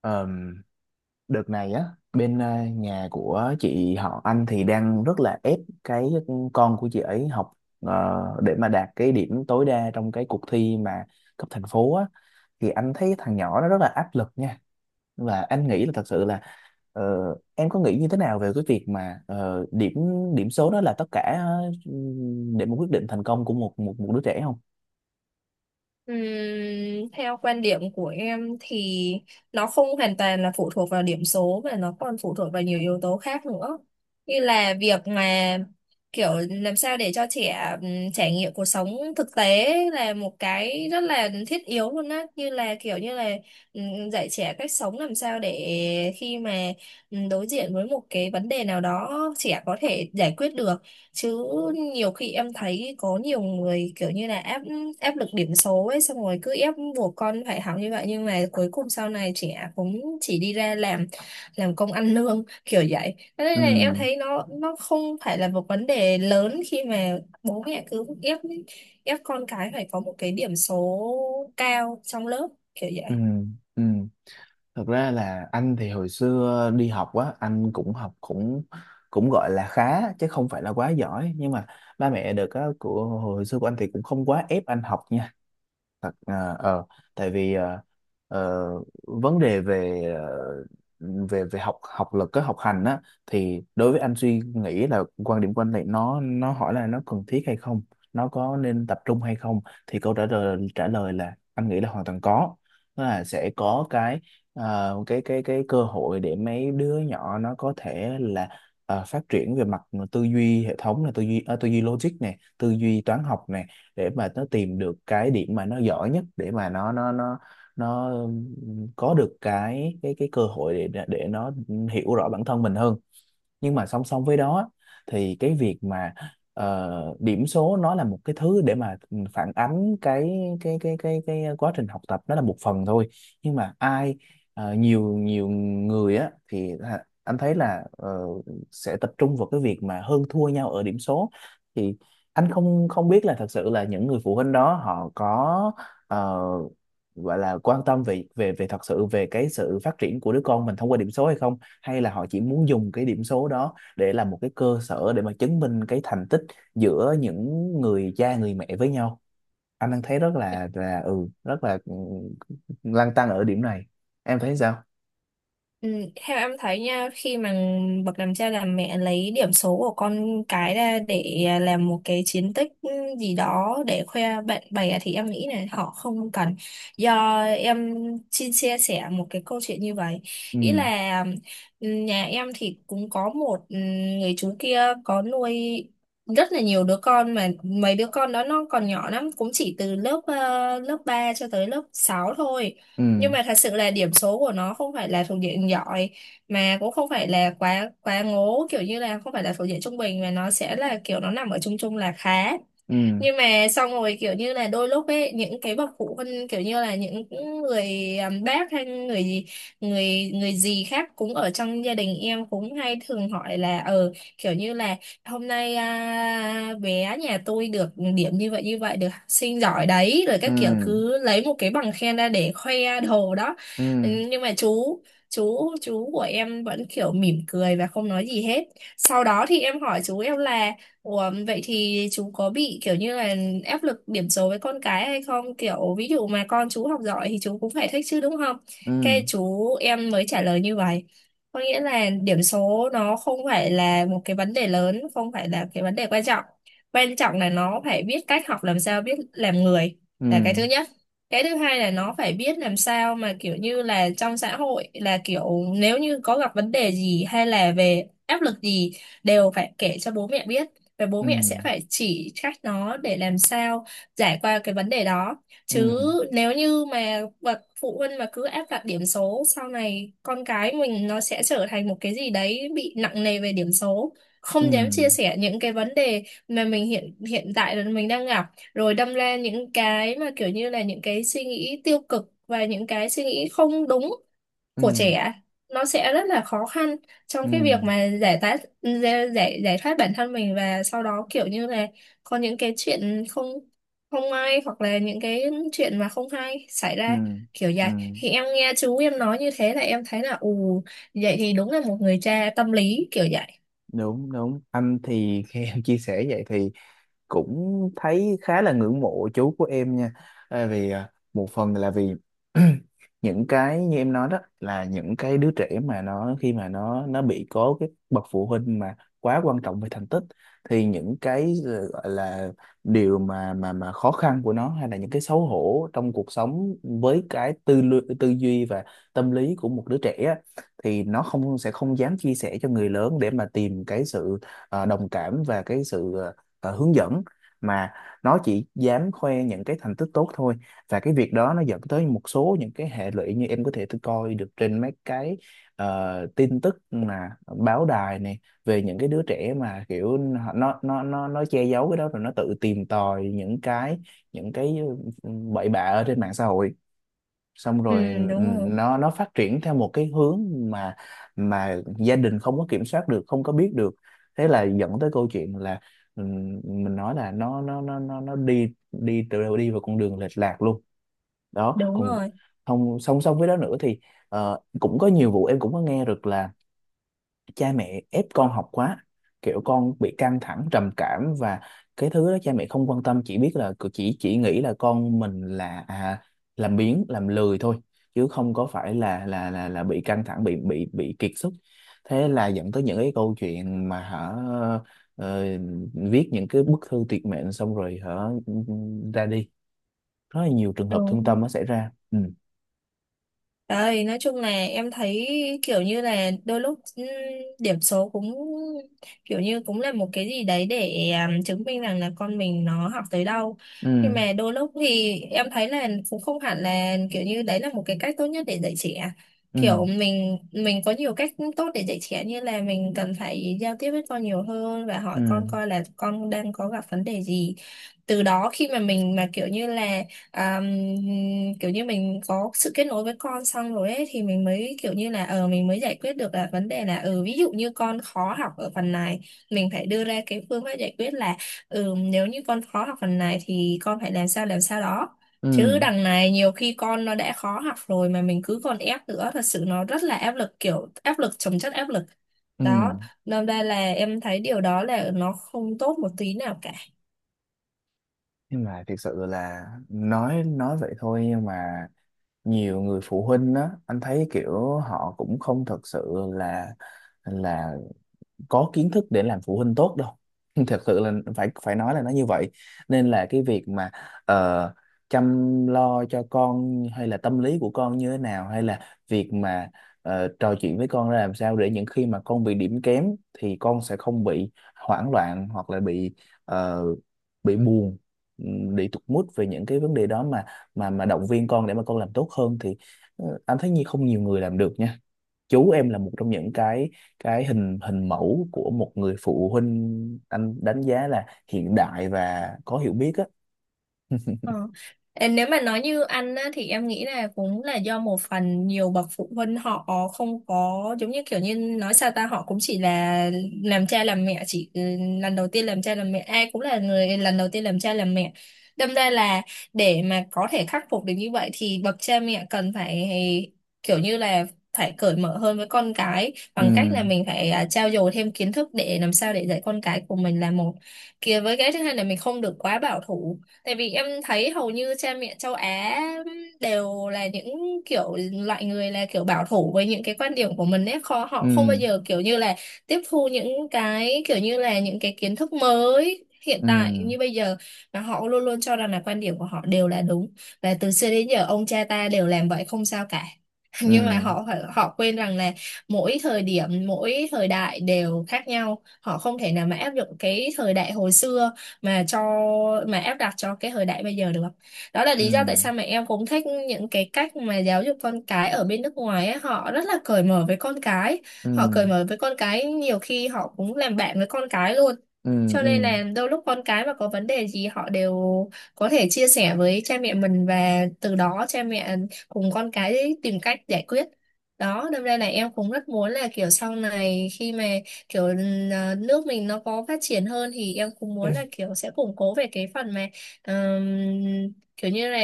Ờm, đợt này á, bên nhà của chị họ anh thì đang rất là ép cái con của chị ấy học, ờ, để mà đạt cái điểm tối đa trong cái cuộc thi mà cấp thành phố á, thì anh thấy thằng nhỏ nó rất là áp lực nha. Và anh nghĩ là thật sự là ờ, em có nghĩ như thế nào về cái việc mà điểm điểm số đó là tất cả, để mà quyết định thành công của một một một đứa trẻ không? Ừm, Theo quan điểm của em thì nó không hoàn toàn là phụ thuộc vào điểm số mà nó còn phụ thuộc vào nhiều yếu tố khác nữa, như là việc mà kiểu làm sao để cho trẻ trải nghiệm cuộc sống thực tế là một cái rất là thiết yếu luôn á, như là kiểu như là dạy trẻ cách sống làm sao để khi mà đối diện với một cái vấn đề nào đó, trẻ có thể giải quyết được chứ. Nhiều khi em thấy có nhiều người kiểu như là áp áp lực điểm số ấy, xong rồi cứ ép buộc con phải học như vậy, nhưng mà cuối cùng sau này trẻ cũng chỉ đi ra làm công ăn lương kiểu vậy. Thế nên Ừ, là em thấy nó không phải là một vấn đề lớn khi mà bố mẹ cứ ép ép con cái phải có một cái điểm số cao trong lớp, kiểu vậy. ừ, ừ. Thật ra là anh thì hồi xưa đi học á, anh cũng học cũng cũng gọi là khá chứ không phải là quá giỏi, nhưng mà ba mẹ được á của hồi xưa của anh thì cũng không quá ép anh học nha. Thật à, tại vì ờ, vấn đề về về về học học lực cái học hành á, thì đối với anh suy nghĩ là quan điểm của anh này, nó hỏi là nó cần thiết hay không, nó có nên tập trung hay không, thì câu trả lời là anh nghĩ là hoàn toàn có. Tức là sẽ có cái cái cơ hội để mấy đứa nhỏ nó có thể là phát triển về mặt tư duy hệ thống, là tư duy tư duy logic này, tư duy toán học, để mà nó tìm được cái điểm mà nó giỏi nhất, để mà nó nó có được cái cơ hội để nó hiểu rõ bản thân mình hơn. Nhưng mà song song với đó, thì cái việc mà điểm số nó là một cái thứ để mà phản ánh cái cái quá trình học tập, nó là một phần thôi. Nhưng mà ai nhiều nhiều người á thì là- anh thấy là sẽ tập trung vào cái việc mà hơn thua nhau ở điểm số, thì anh không không biết là thật sự là những người phụ huynh đó họ có ờ, gọi là quan tâm về về về thật sự về cái sự phát triển của đứa con mình thông qua điểm số hay không, hay là họ chỉ muốn dùng cái điểm số đó để làm một cái cơ sở để mà chứng minh cái thành tích giữa những người cha người mẹ với nhau. Anh đang thấy rất là ừ rất là lăn tăn ở điểm này. Em thấy sao? Ừ, theo em thấy nha, khi mà bậc làm cha làm mẹ lấy điểm số của con cái ra để làm một cái chiến tích gì đó để khoe bạn bè thì em nghĩ là họ không cần. Do em xin chia sẻ một cái câu chuyện như vậy. ừ, Ý là nhà em thì cũng có một người chú kia có nuôi rất là nhiều đứa con, mà mấy đứa con đó nó còn nhỏ lắm, cũng chỉ từ lớp lớp 3 cho tới lớp 6 thôi. ừ, Nhưng mà thật sự là điểm số của nó không phải là thuộc diện giỏi, mà cũng không phải là quá quá ngố, kiểu như là không phải là thuộc diện trung bình, mà nó sẽ là kiểu nó nằm ở chung chung là khá. ừ, Nhưng mà xong rồi kiểu như là đôi lúc ấy, những cái bậc phụ huynh kiểu như là những người bác hay người gì, người người gì khác cũng ở trong gia đình em cũng hay thường hỏi là ờ, kiểu như là hôm nay bé nhà tôi được điểm như vậy như vậy, được học sinh giỏi đấy, rồi ừ, các kiểu cứ lấy một cái bằng khen ra để khoe đồ đó. Ừ, ừ, nhưng mà chú của em vẫn kiểu mỉm cười và không nói gì hết. Sau đó thì em hỏi chú em là: Ủa, vậy thì chú có bị kiểu như là áp lực điểm số với con cái hay không? Kiểu ví dụ mà con chú học giỏi thì chú cũng phải thích chứ đúng không? ừ, Cái chú em mới trả lời như vậy. Có nghĩa là điểm số nó không phải là một cái vấn đề lớn, không phải là cái vấn đề quan trọng. Quan trọng là nó phải biết cách học làm sao, biết làm người là cái ừ, thứ nhất. Cái thứ hai là nó phải biết làm sao mà kiểu như là trong xã hội là kiểu nếu như có gặp vấn đề gì hay là về áp lực gì đều phải kể cho bố mẹ biết, và bố ừ, mẹ sẽ phải chỉ cách nó để làm sao giải qua cái vấn đề đó. ừ, Chứ nếu như mà bậc phụ huynh mà cứ áp đặt điểm số, sau này con cái mình nó sẽ trở thành một cái gì đấy bị nặng nề về điểm số, ừ, không dám chia sẻ những cái vấn đề mà mình hiện hiện tại là mình đang gặp, rồi đâm ra những cái mà kiểu như là những cái suy nghĩ tiêu cực và những cái suy nghĩ không đúng ừ, của trẻ, nó sẽ rất là khó khăn trong ừ, cái việc mà giải tát giải giải giải thoát bản thân mình, và sau đó kiểu như là có những cái chuyện không không may hoặc là những cái chuyện mà không hay xảy ừ, ra, kiểu ừ. vậy. Thì em nghe chú em nói như thế là em thấy là ù, vậy thì đúng là một người cha tâm lý kiểu vậy. Đúng, đúng, anh thì khi em chia sẻ vậy thì cũng thấy khá là ngưỡng mộ chú của em nha. À, vì à, một phần là vì những cái như em nói đó là những cái đứa trẻ mà nó, khi mà nó bị có cái bậc phụ huynh mà quá quan trọng về thành tích, thì những cái gọi là điều mà mà khó khăn của nó, hay là những cái xấu hổ trong cuộc sống với cái tư duy và tâm lý của một đứa trẻ á, thì nó không sẽ không dám chia sẻ cho người lớn để mà tìm cái sự đồng cảm và cái sự hướng dẫn, mà nó chỉ dám khoe những cái thành tích tốt thôi. Và cái việc đó nó dẫn tới một số những cái hệ lụy như em có thể tôi coi được trên mấy cái tin tức mà báo đài này, về những cái đứa trẻ mà kiểu nó che giấu cái đó, rồi nó tự tìm tòi những cái những cái ừ, bậy bạ ở trên mạng xã hội, xong Ừ, rồi ừ, đúng rồi. nó phát triển theo một cái hướng mà gia đình không có kiểm soát được, không có biết được. Thế là dẫn tới câu chuyện là mình nói là nó đi đi từ đi vào con đường lệch lạc luôn đó. Đúng Còn rồi. không, song song với đó nữa thì cũng có nhiều vụ em cũng có nghe được là cha mẹ ép con học quá, kiểu con bị căng thẳng trầm cảm, và cái thứ đó cha mẹ không quan tâm, chỉ biết là chỉ nghĩ là con mình là à, làm biếng làm lười thôi chứ không có phải là là bị căng thẳng, bị bị kiệt sức. Thế là dẫn tới những cái câu chuyện mà hả ờ, viết những cái bức thư tuyệt mệnh, xong rồi hả ra đi, rất là nhiều trường hợp thương Đúng. tâm nó xảy ra. Ừ, Đấy, nói chung là em thấy kiểu như là đôi lúc điểm số cũng kiểu như cũng là một cái gì đấy để chứng minh rằng là con mình nó học tới đâu. ừ, Nhưng mà đôi lúc thì em thấy là cũng không hẳn là kiểu như đấy là một cái cách tốt nhất để dạy trẻ. ừ, Kiểu mình có nhiều cách tốt để dạy trẻ, như là mình cần phải giao tiếp với con nhiều hơn và ừ, hỏi con coi là con đang có gặp vấn đề gì. Từ đó khi mà mình mà kiểu như là à, kiểu như mình có sự kết nối với con xong rồi ấy, thì mình mới kiểu như là ờ, mình mới giải quyết được là vấn đề là ừ, ví dụ như con khó học ở phần này, mình phải đưa ra cái phương pháp giải quyết là ừ, nếu như con khó học phần này thì con phải làm sao đó. Chứ ừ, đằng này nhiều khi con nó đã khó học rồi mà mình cứ còn ép nữa, thật sự nó rất là áp lực, kiểu áp lực chồng chất áp lực ừ. đó. Nên ra là em thấy điều đó là nó không tốt một tí nào cả. Nhưng mà thực sự là nói vậy thôi, nhưng mà nhiều người phụ huynh á anh thấy kiểu họ cũng không thật sự là là có kiến thức để làm phụ huynh tốt đâu. Thật sự là phải phải nói là nó như vậy. Nên là cái việc mà ờ, chăm lo cho con hay là tâm lý của con như thế nào, hay là việc mà trò chuyện với con ra làm sao để những khi mà con bị điểm kém thì con sẽ không bị hoảng loạn, hoặc là bị ờ, bị buồn, bị tụt mood về những cái vấn đề đó, mà mà động viên con để mà con làm tốt hơn, thì anh thấy như không nhiều người làm được nha. Chú em là một trong những cái hình hình mẫu của một người phụ huynh anh đánh giá là hiện đại và có hiểu biết á. Ờ. Ờ, nếu mà nói như ăn á, thì em nghĩ là cũng là do một phần nhiều bậc phụ huynh họ không có, giống như kiểu như nói sao ta, họ cũng chỉ là làm cha làm mẹ chỉ lần đầu tiên làm cha làm mẹ, ai cũng là người lần đầu tiên làm cha làm mẹ. Đâm ra là để mà có thể khắc phục được như vậy thì bậc cha mẹ cần phải kiểu như là phải cởi mở hơn với con cái Ừ, bằng cách là mình phải trau dồi thêm kiến thức để làm sao để dạy con cái của mình là một kia, với cái thứ hai là mình không được quá bảo thủ. Tại vì em thấy hầu như cha mẹ châu Á đều là những kiểu loại người là kiểu bảo thủ với những cái quan điểm của mình ấy, khó, họ không bao ừ, giờ kiểu như là tiếp thu những cái kiểu như là những cái kiến thức mới hiện ừ, tại như bây giờ, mà họ luôn luôn cho rằng là quan điểm của họ đều là đúng và từ xưa đến giờ ông cha ta đều làm vậy không sao cả. ừ, Nhưng mà họ họ quên rằng là mỗi thời điểm, mỗi thời đại đều khác nhau, họ không thể nào mà áp dụng cái thời đại hồi xưa mà cho mà áp đặt cho cái thời đại bây giờ được. Đó là ừ, lý do tại sao mà em cũng thích những cái cách mà giáo dục con cái ở bên nước ngoài ấy, họ rất là cởi mở với con cái, ừ, họ cởi mở với con cái nhiều khi họ cũng làm bạn với con cái luôn. ừ, Cho nên ừ, là đôi lúc con cái mà có vấn đề gì họ đều có thể chia sẻ với cha mẹ mình, và từ đó cha mẹ cùng con cái tìm cách giải quyết. Đó đâm ra là em cũng rất muốn là kiểu sau này khi mà kiểu nước mình nó có phát triển hơn thì em cũng muốn là kiểu sẽ củng cố về cái phần mà ờm, kiểu như là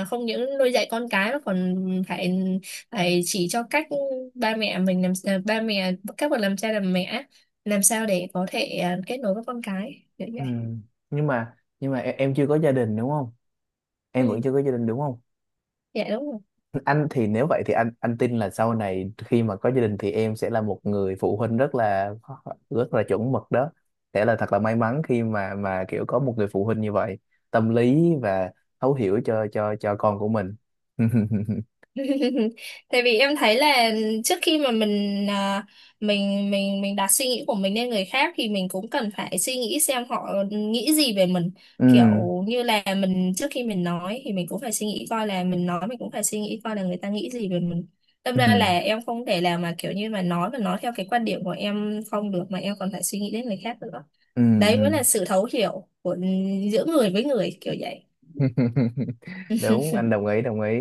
không những nuôi dạy con cái mà còn phải phải chỉ cho cách ba mẹ mình làm ba mẹ các bậc làm cha làm mẹ làm sao để có thể kết nối với con cái kiểu như ừ. vậy. Nhưng mà em chưa có gia đình đúng không? Em vẫn Ừ, chưa có gia đình đúng không? dạ đúng rồi. Anh thì nếu vậy thì anh tin là sau này khi mà có gia đình thì em sẽ là một người phụ huynh rất là chuẩn mực đó. Sẽ là thật là may mắn khi mà kiểu có một người phụ huynh như vậy, tâm lý và thấu hiểu cho cho con của mình. Tại vì em thấy là trước khi mà mình mình đặt suy nghĩ của mình lên người khác thì mình cũng cần phải suy nghĩ xem họ nghĩ gì về mình. Ừ, Kiểu như là mình trước khi mình nói thì mình cũng phải suy nghĩ coi là mình nói, mình cũng phải suy nghĩ coi là người ta nghĩ gì về mình. Đâm ừ, ra là em không thể làm mà kiểu như mà nói theo cái quan điểm của em không được, mà em còn phải suy nghĩ đến người khác nữa. ừ, Đấy mới ừ. là sự thấu hiểu của giữa người với người, kiểu vậy. Đúng, anh đồng ý, đồng ý.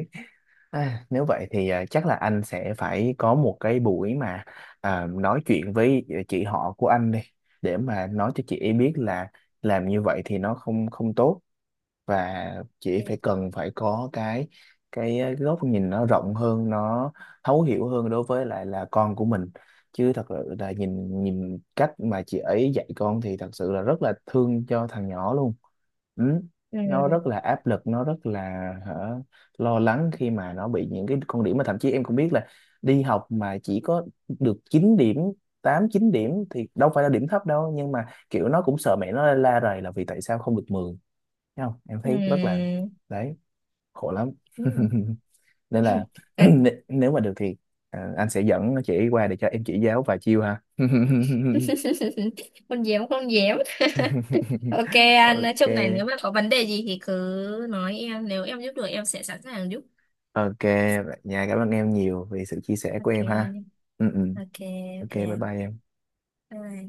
À, nếu vậy thì à, chắc là anh sẽ phải có một cái buổi mà à, nói chuyện với chị họ của anh đi, để mà nói cho chị ấy biết là làm như vậy thì nó không không tốt. Và chỉ Ừ. phải cần phải có cái góc nhìn nó rộng hơn, nó thấu hiểu hơn đối với lại là con của mình. Chứ thật sự là nhìn nhìn cách mà chị ấy dạy con thì thật sự là rất là thương cho thằng nhỏ luôn. Ừ. Ừ. Nó rất là áp lực, nó rất là hả, lo lắng khi mà nó bị những cái con điểm, mà thậm chí em cũng biết là đi học mà chỉ có được 9 điểm, 8 9 điểm thì đâu phải là điểm thấp đâu, nhưng mà kiểu nó cũng sợ mẹ nó la rầy là vì tại sao không được 10. Thấy không, em thấy rất là đấy, khổ lắm. Ừ. Nên Ừ. là nếu mà được thì à, anh sẽ dẫn chị qua để cho em chỉ giáo vài chiêu ha. Không dám, không dám. Ok anh, nói chung này, Ok, nếu mà có vấn đề gì thì cứ nói em, nếu em giúp được em sẽ sẵn sàng giúp. ok, vậy nha, cảm ơn em nhiều vì sự chia sẻ của em ha. Ok. Ừ, ừ. Ok. Ok, Ok bye anh. bye em. Bye, bye.